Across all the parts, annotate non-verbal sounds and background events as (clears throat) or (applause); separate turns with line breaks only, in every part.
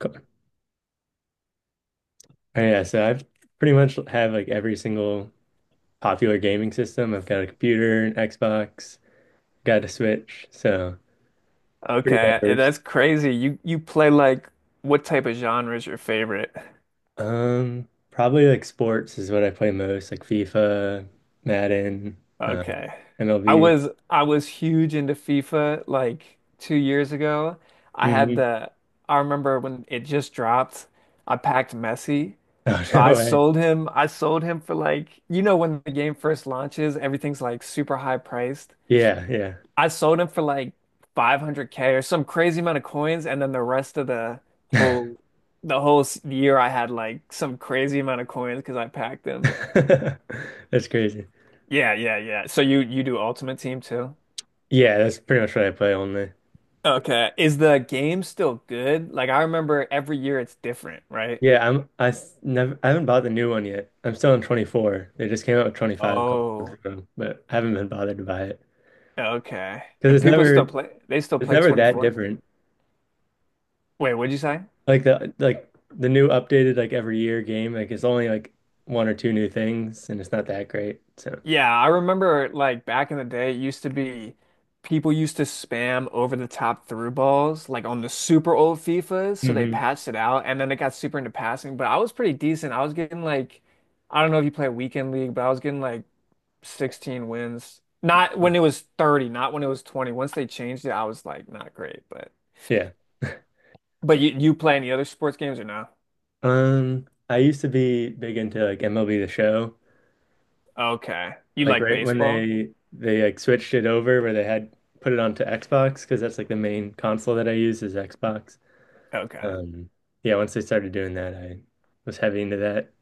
Cool. Oh, yeah, so I've pretty much have like every single popular gaming system. I've got a computer, an Xbox, got a Switch, so pretty
Okay, and
diverse.
that's crazy. You play like what type of genre is your favorite?
Probably like sports is what I play most, like FIFA, Madden, uh,
Okay. I
MLB.
was I was huge into FIFA like 2 years ago. I had
hmm
the I remember when it just dropped, I packed Messi.
Oh, (laughs)
So I
no way.
sold him I sold him for like you know when the game first launches, everything's like super high priced.
Yeah, yeah.
I sold him for like 500K or some crazy amount of coins, and then the rest of whole the whole s- year I had like some crazy amount of coins because I packed them.
(laughs) That's crazy.
Yeah, yeah, yeah. So you do Ultimate Team too?
Yeah, that's pretty much what I play only.
Okay. Is the game still good? Like I remember every year it's different, right?
Yeah, I s- never I haven't bought the new one yet. I'm still on 24. They just came out with 25 a couple months
Oh,
ago, but I haven't been bothered to buy it
okay.
because
And people still play they still
it's
play
never that
24?
different.
Wait, what'd you say?
Like the new updated like every year game, like it's only like one or two new things and it's not that great. So,
Yeah, I remember like back in the day, it used to be people used to spam over the top through balls like on the super old FIFAs, so they
hmm
patched it out and then it got super into passing, but I was pretty decent. I was getting like I don't know if you play weekend league, but I was getting like 16 wins. Not when it was 30, not when it was 20. Once they changed it, I was like not great, but
yeah.
but you play any other sports games or no?
I used to be big into like MLB The Show.
Okay. You
Like
like
right when
baseball?
they like switched it over where they had put it onto Xbox because that's like the main console that I use is Xbox.
Okay.
Um, yeah, once I started doing that, I was heavy into that.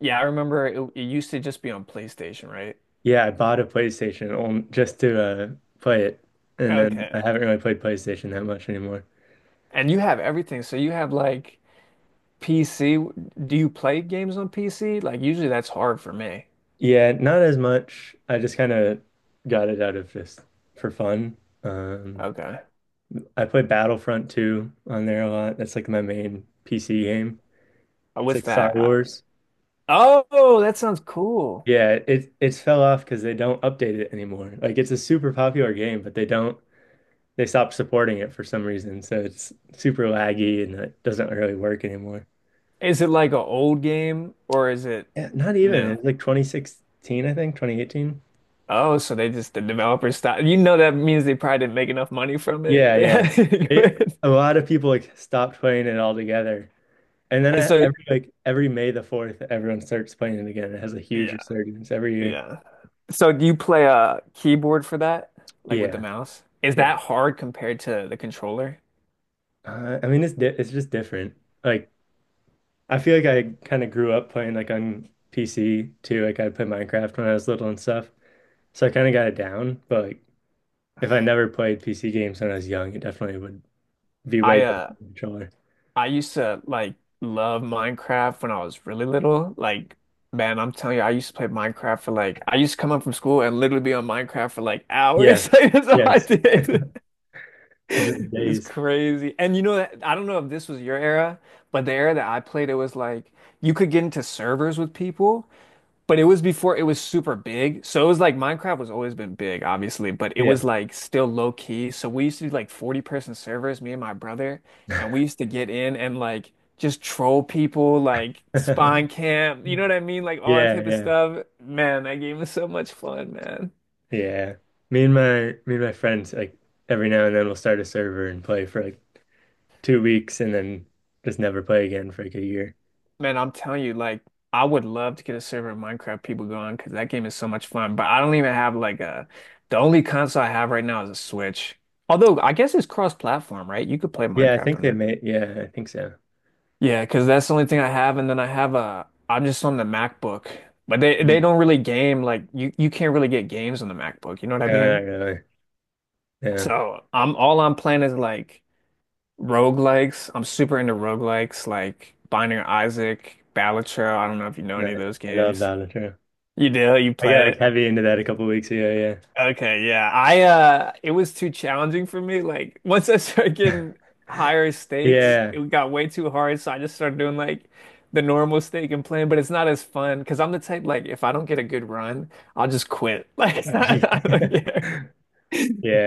Yeah, I remember it used to just be on PlayStation, right?
Yeah, I bought a PlayStation on, just to uh, play it, and then I
Okay.
haven't really played PlayStation that much anymore.
And you have everything. So you have like PC. Do you play games on PC? Like usually that's hard for me.
Yeah, not as much. I just kind of got it out of just for fun. Um,
Okay.
I play Battlefront 2 on there a lot. That's like my main PC game. It's
With
like Star
that, I,
Wars.
oh, that sounds cool.
Yeah, it's fell off because they don't update it anymore. Like it's a super popular game, but they don't. They stopped supporting it for some reason. So it's super laggy and it doesn't really work anymore.
Is it like an old game or is it
Yeah, not even.
new?
It's like 2016, I think, 2018.
Oh, so they just the developers stopped. You know that means they probably didn't make enough money from it. (laughs)
Yeah,
They had
yeah.
to do
It
it.
a lot of people like stopped playing it altogether. And then
And so
every every May the 4th, everyone starts playing it again. It has a huge
yeah,
resurgence every year.
yeah. So do you play a keyboard for that? Like with the
Yeah,
mouse? Is
yeah.
that hard compared to the controller?
I mean, it's just different. Like I feel like I kind of grew up playing like on PC too. Like I played Minecraft when I was little and stuff, so I kind of got it down. But like if I never played PC games when I was young, it definitely would be
I
way different
uh
with a controller.
I used to like love Minecraft when I was really little. Like, man, I'm telling you, I used to play Minecraft for like I used to come up from school and literally be on Minecraft for like
Yeah.
hours. (laughs) Like, that's all I
Yes.
did. (laughs)
Those are the
It was
days.
crazy. And you know that I don't know if this was your era, but the era that I played, it was like you could get into servers with people but it was before it was super big. So it was like Minecraft was always been big, obviously, but it
Yeah.
was like still low key. So we used to do like 40-person servers, me and my brother, and we used to get in and like just troll people, like spawn
(laughs)
camp, you know what I mean? Like all that
Yeah,
type of
yeah.
stuff. Man, that game was so much fun, man.
Yeah. Me and my friends like every now and then we'll start a server and play for like 2 weeks and then just never play again for like a year.
Man, I'm telling you, like I would love to get a server of Minecraft people going because that game is so much fun. But I don't even have like a the only console I have right now is a Switch. Although I guess it's cross-platform, right? You could play
Yeah, I
Minecraft
think they
on
made, yeah, I think so.
Yeah, because that's the only thing I have, and then I have a I'm just on the MacBook, but they
Mm.
don't really game like you can't really get games on the MacBook. You know what I
No, not
mean?
really. Yeah.
So I'm all I'm playing is like roguelikes. I'm super into roguelikes like Binding of Isaac, Balatro. I don't know if you know
No.
any of those
I love
games.
Battlefield.
You do? You
I got
play
like
it?
heavy into that a couple weeks ago,
Okay, yeah. I it was too challenging for me. Like (laughs) once I started getting higher stakes,
yeah.
it got way too hard, so I just started doing like the normal stake and playing, but it's not as fun because I'm the type like if I don't get a good run, I'll just quit. (laughs) Like it's not, I
Yeah.
don't care.
(laughs)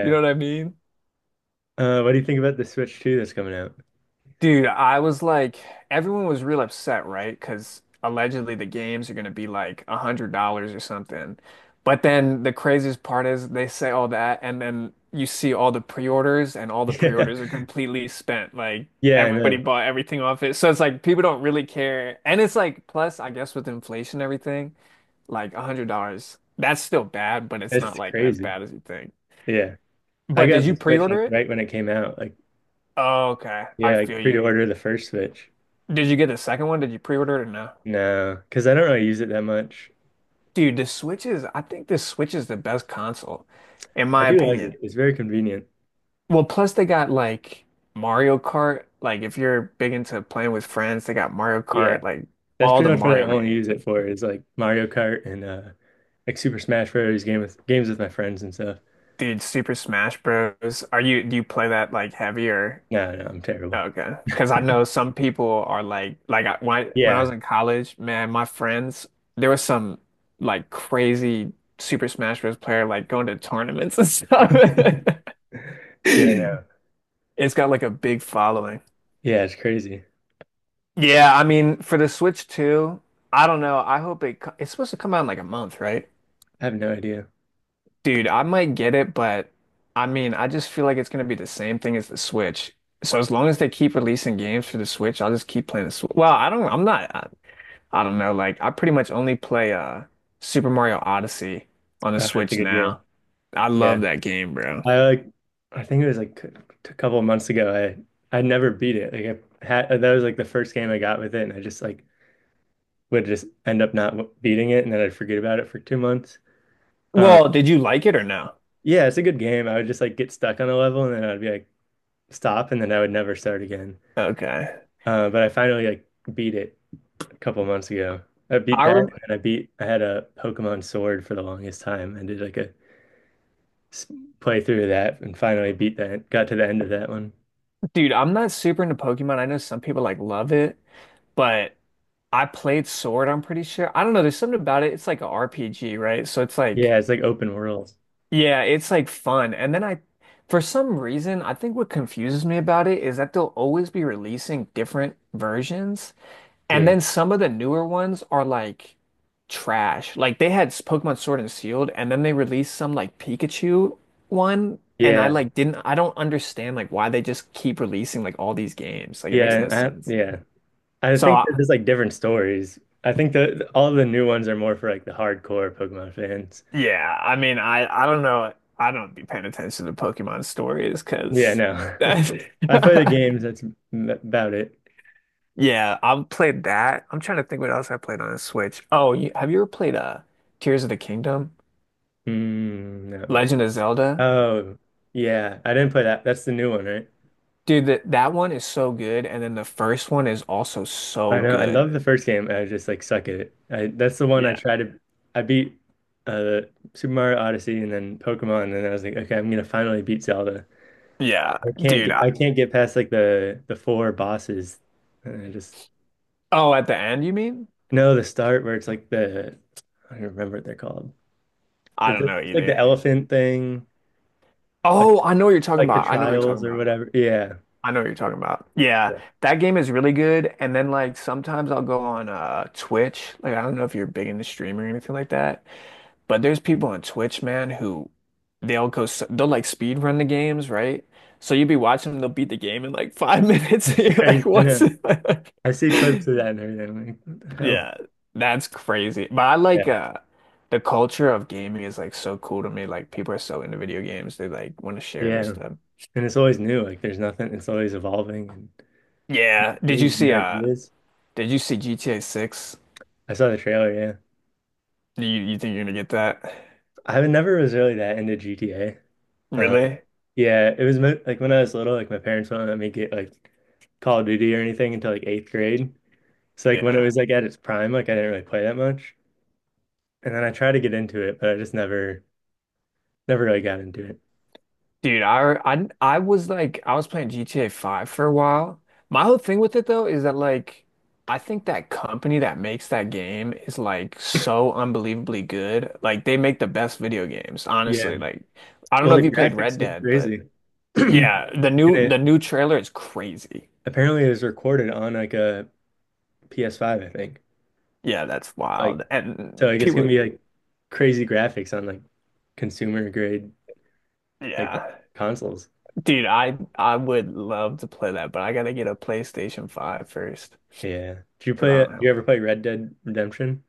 You know what I mean?
What do you think about the Switch 2 that's coming out? (laughs)
Dude, I was like, everyone was real upset, right? Because allegedly the games are going to be like $100 or something. But then the craziest part is they say all that, and then you see all the pre-orders, and all the
Yeah.
pre-orders are completely spent. Like
Yeah, I
everybody
know.
bought everything off it, so it's like people don't really care. And it's like, plus, I guess with inflation and everything, like $100, that's still bad, but it's not
It's
like as
crazy.
bad as you think.
Yeah. I
But did
got
you
the Switch
pre-order
like
it?
right when it came out. Like,
Oh, okay, I
yeah, I
feel you.
pre-ordered the first Switch.
Did you get the second one? Did you pre-order it or no?
No, because I don't really use it that much.
Dude, the Switch is, I think the Switch is the best console, in
I
my
do like it.
opinion.
It's very convenient.
Well, plus they got like Mario Kart. Like if you're big into playing with friends, they got Mario
Yeah.
Kart, like
That's
all the
pretty much what I
Mario
only
games.
use it for is like Mario Kart and like Super Smash Bros. Game with games with my friends and stuff.
Dude, Super Smash Bros. Are you, do you play that like heavier?
No, no, I'm terrible.
Okay. Because I know some people are like, like when I
Yeah.
was in college, man, my friends, there was some like crazy Super Smash Bros. Player like going to tournaments and stuff.
Yeah, no.
(laughs) It's got like a big following.
Yeah, it's crazy.
Yeah, I mean, for the Switch 2, I don't know. I hope it's supposed to come out in like a month, right?
I have no idea.
Dude, I might get it, but I mean, I just feel like it's gonna be the same thing as the Switch. So as long as they keep releasing games for the Switch, I'll just keep playing the Switch. Well, I don't know. Like, I pretty much only play Super Mario Odyssey on the
It's a
Switch
good game.
now. I
Yeah.
love that game, bro.
I like I think it was like a couple of months ago. I'd never beat it. Like I had that was like the first game I got with it, and I just like would just end up not w- beating it, and then I'd forget about it for 2 months. Um,
Well, did you like it or no?
yeah, it's a good game. I would just like get stuck on a level, and then I'd be like stop, and then I would never start again.
Okay.
But I finally like beat it a couple of months ago. I beat
I
that, and
rem
then I had a Pokemon Sword for the longest time, and did like a s- playthrough of that, and finally beat that. Got to the end of that one.
Dude, I'm not super into Pokemon. I know some people like love it, but I played Sword, I'm pretty sure. I don't know, there's something about it. It's like a RPG, right? So it's like,
Yeah, it's like open world.
yeah, it's like fun. For some reason, I think what confuses me about it is that they'll always be releasing different versions. And
Yeah.
then some of the newer ones are like trash. Like they had Pokemon Sword and Shield, and then they released some like Pikachu one, and
Yeah,
I don't understand like why they just keep releasing like all these games. Like it makes no
yeah, I,
sense.
yeah. I
So
think they're
I,
just like different stories. I think the all the new ones are more for like the hardcore Pokemon fans.
yeah, I mean I don't know. I don't be paying attention to Pokemon stories
Yeah,
because
no. (laughs)
(laughs)
I play the games, that's about it.
yeah, I've played that. I'm trying to think what else I played on the Switch. Oh, you, have you ever played Tears of the Kingdom?
Mm, no.
Legend of Zelda?
Oh, yeah. I didn't play that. That's the new one, right?
Dude, that one is so good, and then the first one is also
I
so
know. I
good.
love the first game. I just like suck at it. I, that's the one I
Yeah.
tried to. I beat uh Super Mario Odyssey and then Pokemon, and then I was like, okay, I'm gonna finally beat Zelda.
Yeah,
I can't
dude.
get I can't get past like the four bosses. And I just
Oh, at the end, you mean?
no, the start where it's like the I don't remember what they're called.
I
It's,
don't know
it's like the
either.
elephant thing, like
Oh, I know what you're talking
like the
about. I know what you're talking
trials or
about.
whatever. Yeah.
I know what you're talking about. Yeah,
Yeah. (laughs)
that game is really good. And then like sometimes I'll go on Twitch. Like I don't know if you're big into streaming or anything like that, but there's people on Twitch, man, who they'll like speed run the games, right? So you'll be watching them, they'll beat the game in like five (laughs) minutes.
It's
And you're like,
crazy. I
what's
know. I
(laughs)
see clips
it?
of that and everything. I'm like, what the hell?
Yeah, that's crazy. But I like
Yeah.
the culture of gaming is like so cool to me. Like people are so into video games, they like want to share their
Yeah.
stuff.
And it's always new. Like there's nothing. It's always evolving and
Yeah. Did you
games,
see
new
uh
ideas.
did you see GTA 6?
I saw the trailer, yeah.
Do you think you're gonna get that?
I never was really that into GTA.
Really?
Yeah, it was mo- like when I was little, like my parents wouldn't let me get like Call of Duty or anything until like eighth grade. So like when it
Yeah.
was like at its prime, like I didn't really play that much. And then I tried to get into it, but I just never, never really got into it.
Dude, I was like I was playing GTA 5 for a while. My whole thing with it though is that like I think that company that makes that game is like so unbelievably good. Like they make the best video games,
Yeah.
honestly. Like I don't know
Well, the
if you played Red
graphics look
Dead, but
crazy. (clears throat)
yeah, the
And
new the
it
new trailer is crazy.
apparently it was recorded on like a PS5, I think.
Yeah, that's
Like
wild.
so
And
like it's gonna
people
be like crazy graphics on like consumer grade like
yeah.
consoles.
Dude, I would love to play that, but I gotta get a PlayStation Five first
Yeah. Did you
because
play
I
it?
don't
Did
have
you ever play Red Dead Redemption?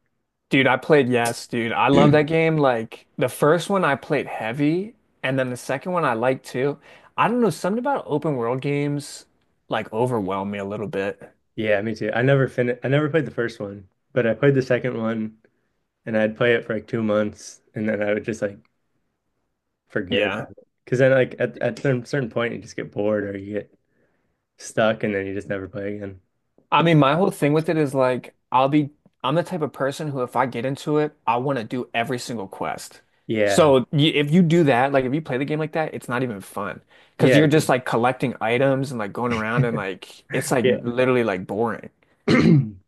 Dude, I played Yes, dude. I love that game. Like the first one I played heavy, and then the second one I liked too. I don't know, something about open world games like overwhelm me a little bit.
Yeah, me too. I never finished. I never played the first one, but I played the second one and I'd play it for like 2 months and then I would just like forget
Yeah.
about it. Because then like at some certain point you just get bored or you get stuck and then you just never play again.
I mean, my whole thing with it is like I'm the type of person who if I get into it, I want to do every single quest.
Yeah.
So y if you do that, like if you play the game like that, it's not even fun because
Yeah.
you're just
'Cause-
like collecting items and like going around and like it's like
yeah.
literally like boring.
(clears throat)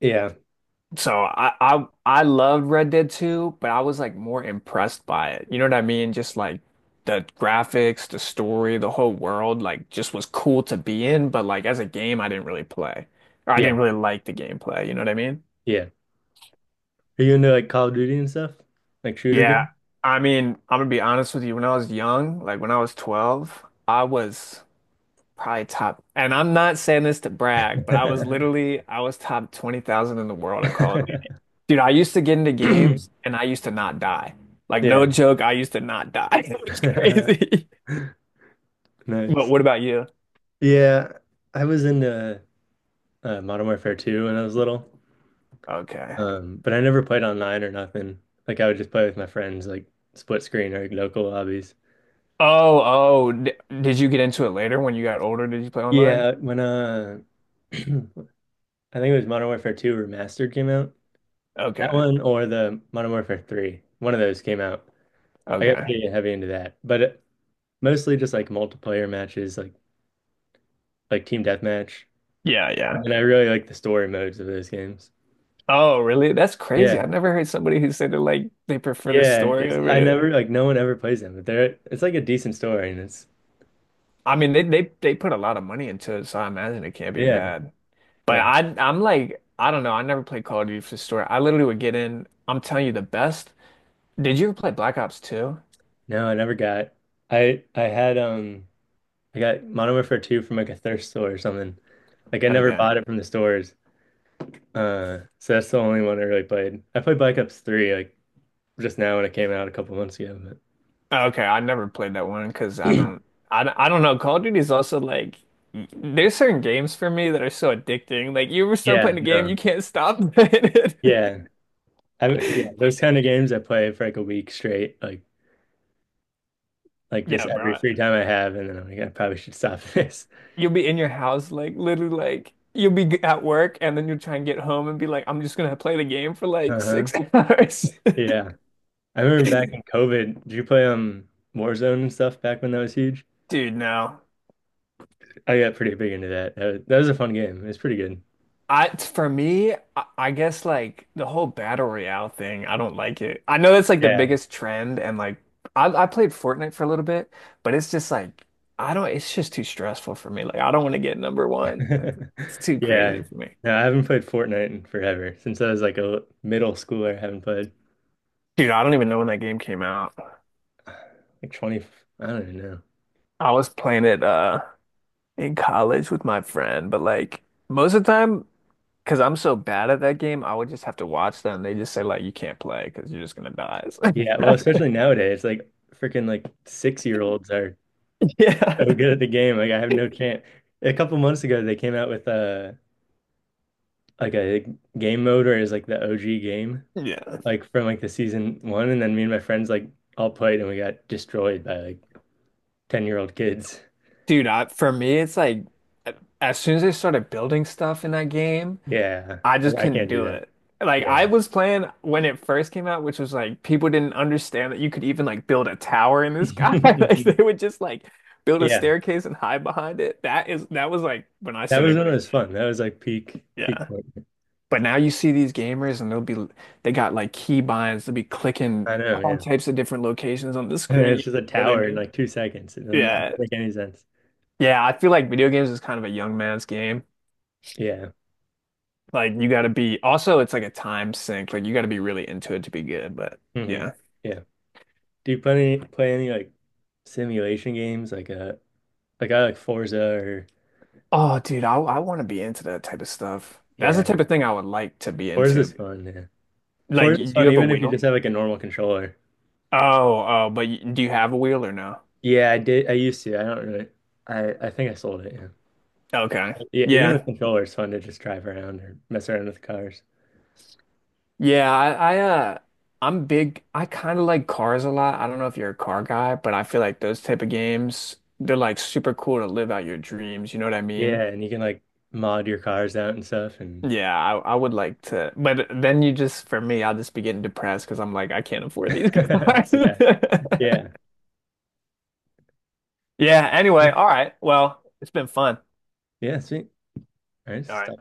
Yeah.
So I loved Red Dead 2, but I was like more impressed by it. You know what I mean? Just like the graphics, the story, the whole world, like just was cool to be in, but like as a game I didn't really play. Or I
Yeah.
didn't really like the gameplay, you know what I mean?
Yeah. Are you into like Call of Duty and stuff? Like shooter
Yeah.
game?
I mean, I'm gonna be honest with you, when I was young, like when I was 12, I was probably top, and I'm not saying this to brag, but I was literally I was top 20,000 in the world at Call of Duty.
(laughs)
Dude, I used to get into games and I used to not die.
(clears throat)
Like
Yeah.
no joke, I used to not die. (laughs) It was
(laughs)
crazy. But
Nice.
what about you?
Yeah. I was into Modern Warfare 2 when I was little.
Okay.
But I never played online or nothing. Like I would just play with my friends, like split screen or like local lobbies.
Oh, oh, d did you get into it later when you got older? Did you play online?
Yeah, when (clears throat) I think it was Modern Warfare 2 Remastered came out. That
Okay.
one or the Modern Warfare 3. One of those came out. I got
Okay.
pretty heavy into that. But it, mostly just like multiplayer matches, like team deathmatch.
Yeah, yeah.
And I really like the story modes of those games.
Oh, really? That's crazy.
Yeah.
I've never heard somebody who said that like they prefer this
Yeah,
story
it's
over
I
it.
never like no one ever plays them, but they're it's like a decent story and it's
I mean, they put a lot of money into it, so I imagine it can't be
yeah.
bad. But
Yeah.
I'm like I don't know. I never played Call of Duty for the story. I literally would get in. I'm telling you the best. Did you ever play Black Ops 2?
No, I never got. I had I got monomer for two from like a thrift store or something. Like I never
Okay.
bought it from the stores. So that's the only one I really played. I played Black Ops 3 like just now when it came out a couple months ago,
Okay, I never played that one because
but (clears throat)
I don't know. Call of Duty is also like there's certain games for me that are so addicting. Like you ever start
yeah,
playing a game,
no.
you can't stop (laughs) playing it.
Yeah. I Yeah, those kind of games I play for like a week straight, like just
Yeah,
every
bro.
free time I have and then I'm like I probably should stop (laughs) this.
You'll be in your house like literally like at work and then you'll try and get home and be like I'm just gonna play the game for like
Uh-huh.
six (laughs) hours.
Yeah. I remember back in COVID, did you play Warzone and stuff back when that was huge?
(laughs) Dude, no.
I got pretty big into that. That was a fun game. It's pretty good.
I for me, I guess like the whole battle royale thing, I don't like it. I know that's like the
Yeah.
biggest trend, and like I played Fortnite for a little bit, but it's just like I don't. It's just too stressful for me. Like I don't want to get number one.
(laughs)
It's too
Yeah.
crazy for me,
No, I haven't played Fortnite in forever. Since I was like a middle schooler, I haven't played
dude. I don't even know when that game came out.
like 20, I don't even know.
I was playing it in college with my friend, but like most of the time, because I'm so bad at that game, I would just have to watch them. They just say like you can't play because you're just gonna die. It's
Yeah, well,
like-
especially nowadays, like freaking like 6 year olds are
(laughs)
so
Yeah.
good at the game. Like I have no chance. A couple months ago, they came out with a like a game mode where it's like the OG game,
Yeah.
like from like the season one, and then me and my friends like all played and we got destroyed by like 10-year-old kids.
Dude, for me, it's like as soon as they started building stuff in that game,
Yeah,
I just
I
couldn't
can't do
do
that.
it. Like
Yeah.
I was playing when it first came out, which was like people didn't understand that you could even like build a tower in this guy. (laughs)
(laughs)
Like they would just like build a
Yeah.
staircase and hide behind it. That was like when I
That was
started,
when it was fun. That was like peak
yeah.
point.
But now you see these gamers and they got like key binds, they'll be clicking
I know,
all
yeah.
types of different locations on the
(laughs)
screen, you
It's just
know
a
where they're
tower in
doing.
like 2 seconds. It doesn't does
Yeah.
make any sense.
Yeah, I feel like video games is kind of a young man's game.
Yeah.
Like you gotta be also it's like a time sink. Like you gotta be really into it to be good, but
hmm
yeah.
Yeah. Do you play any like simulation games? Like I like Forza or
Oh dude, I wanna be into that type of stuff. That's the
yeah.
type of thing I would like to be
Forza's
into.
fun, yeah.
Like
Forza's
do you
fun
have a
even if you just
wheel?
have like a normal controller.
Oh, oh, but y do you have a wheel or no?
Yeah, I did I used to. I don't really I think I sold it, yeah.
Okay.
Yeah, even with
Yeah.
controllers, it's fun to just drive around or mess around with cars.
Yeah, I'm big I kind of like cars a lot. I don't know if you're a car guy, but I feel like those type of games, they're like super cool to live out your dreams, you know what I
Yeah,
mean?
and you can like mod your cars out and stuff and
Yeah, I would like to, but then you just, for me, I'll just be getting depressed because I'm like, I can't afford these
(laughs)
cars.
yeah. Yeah.
(laughs) Yeah,
Yeah,
anyway, all right. Well, it's been fun.
yeah, sweet. All right,
All right.
stop.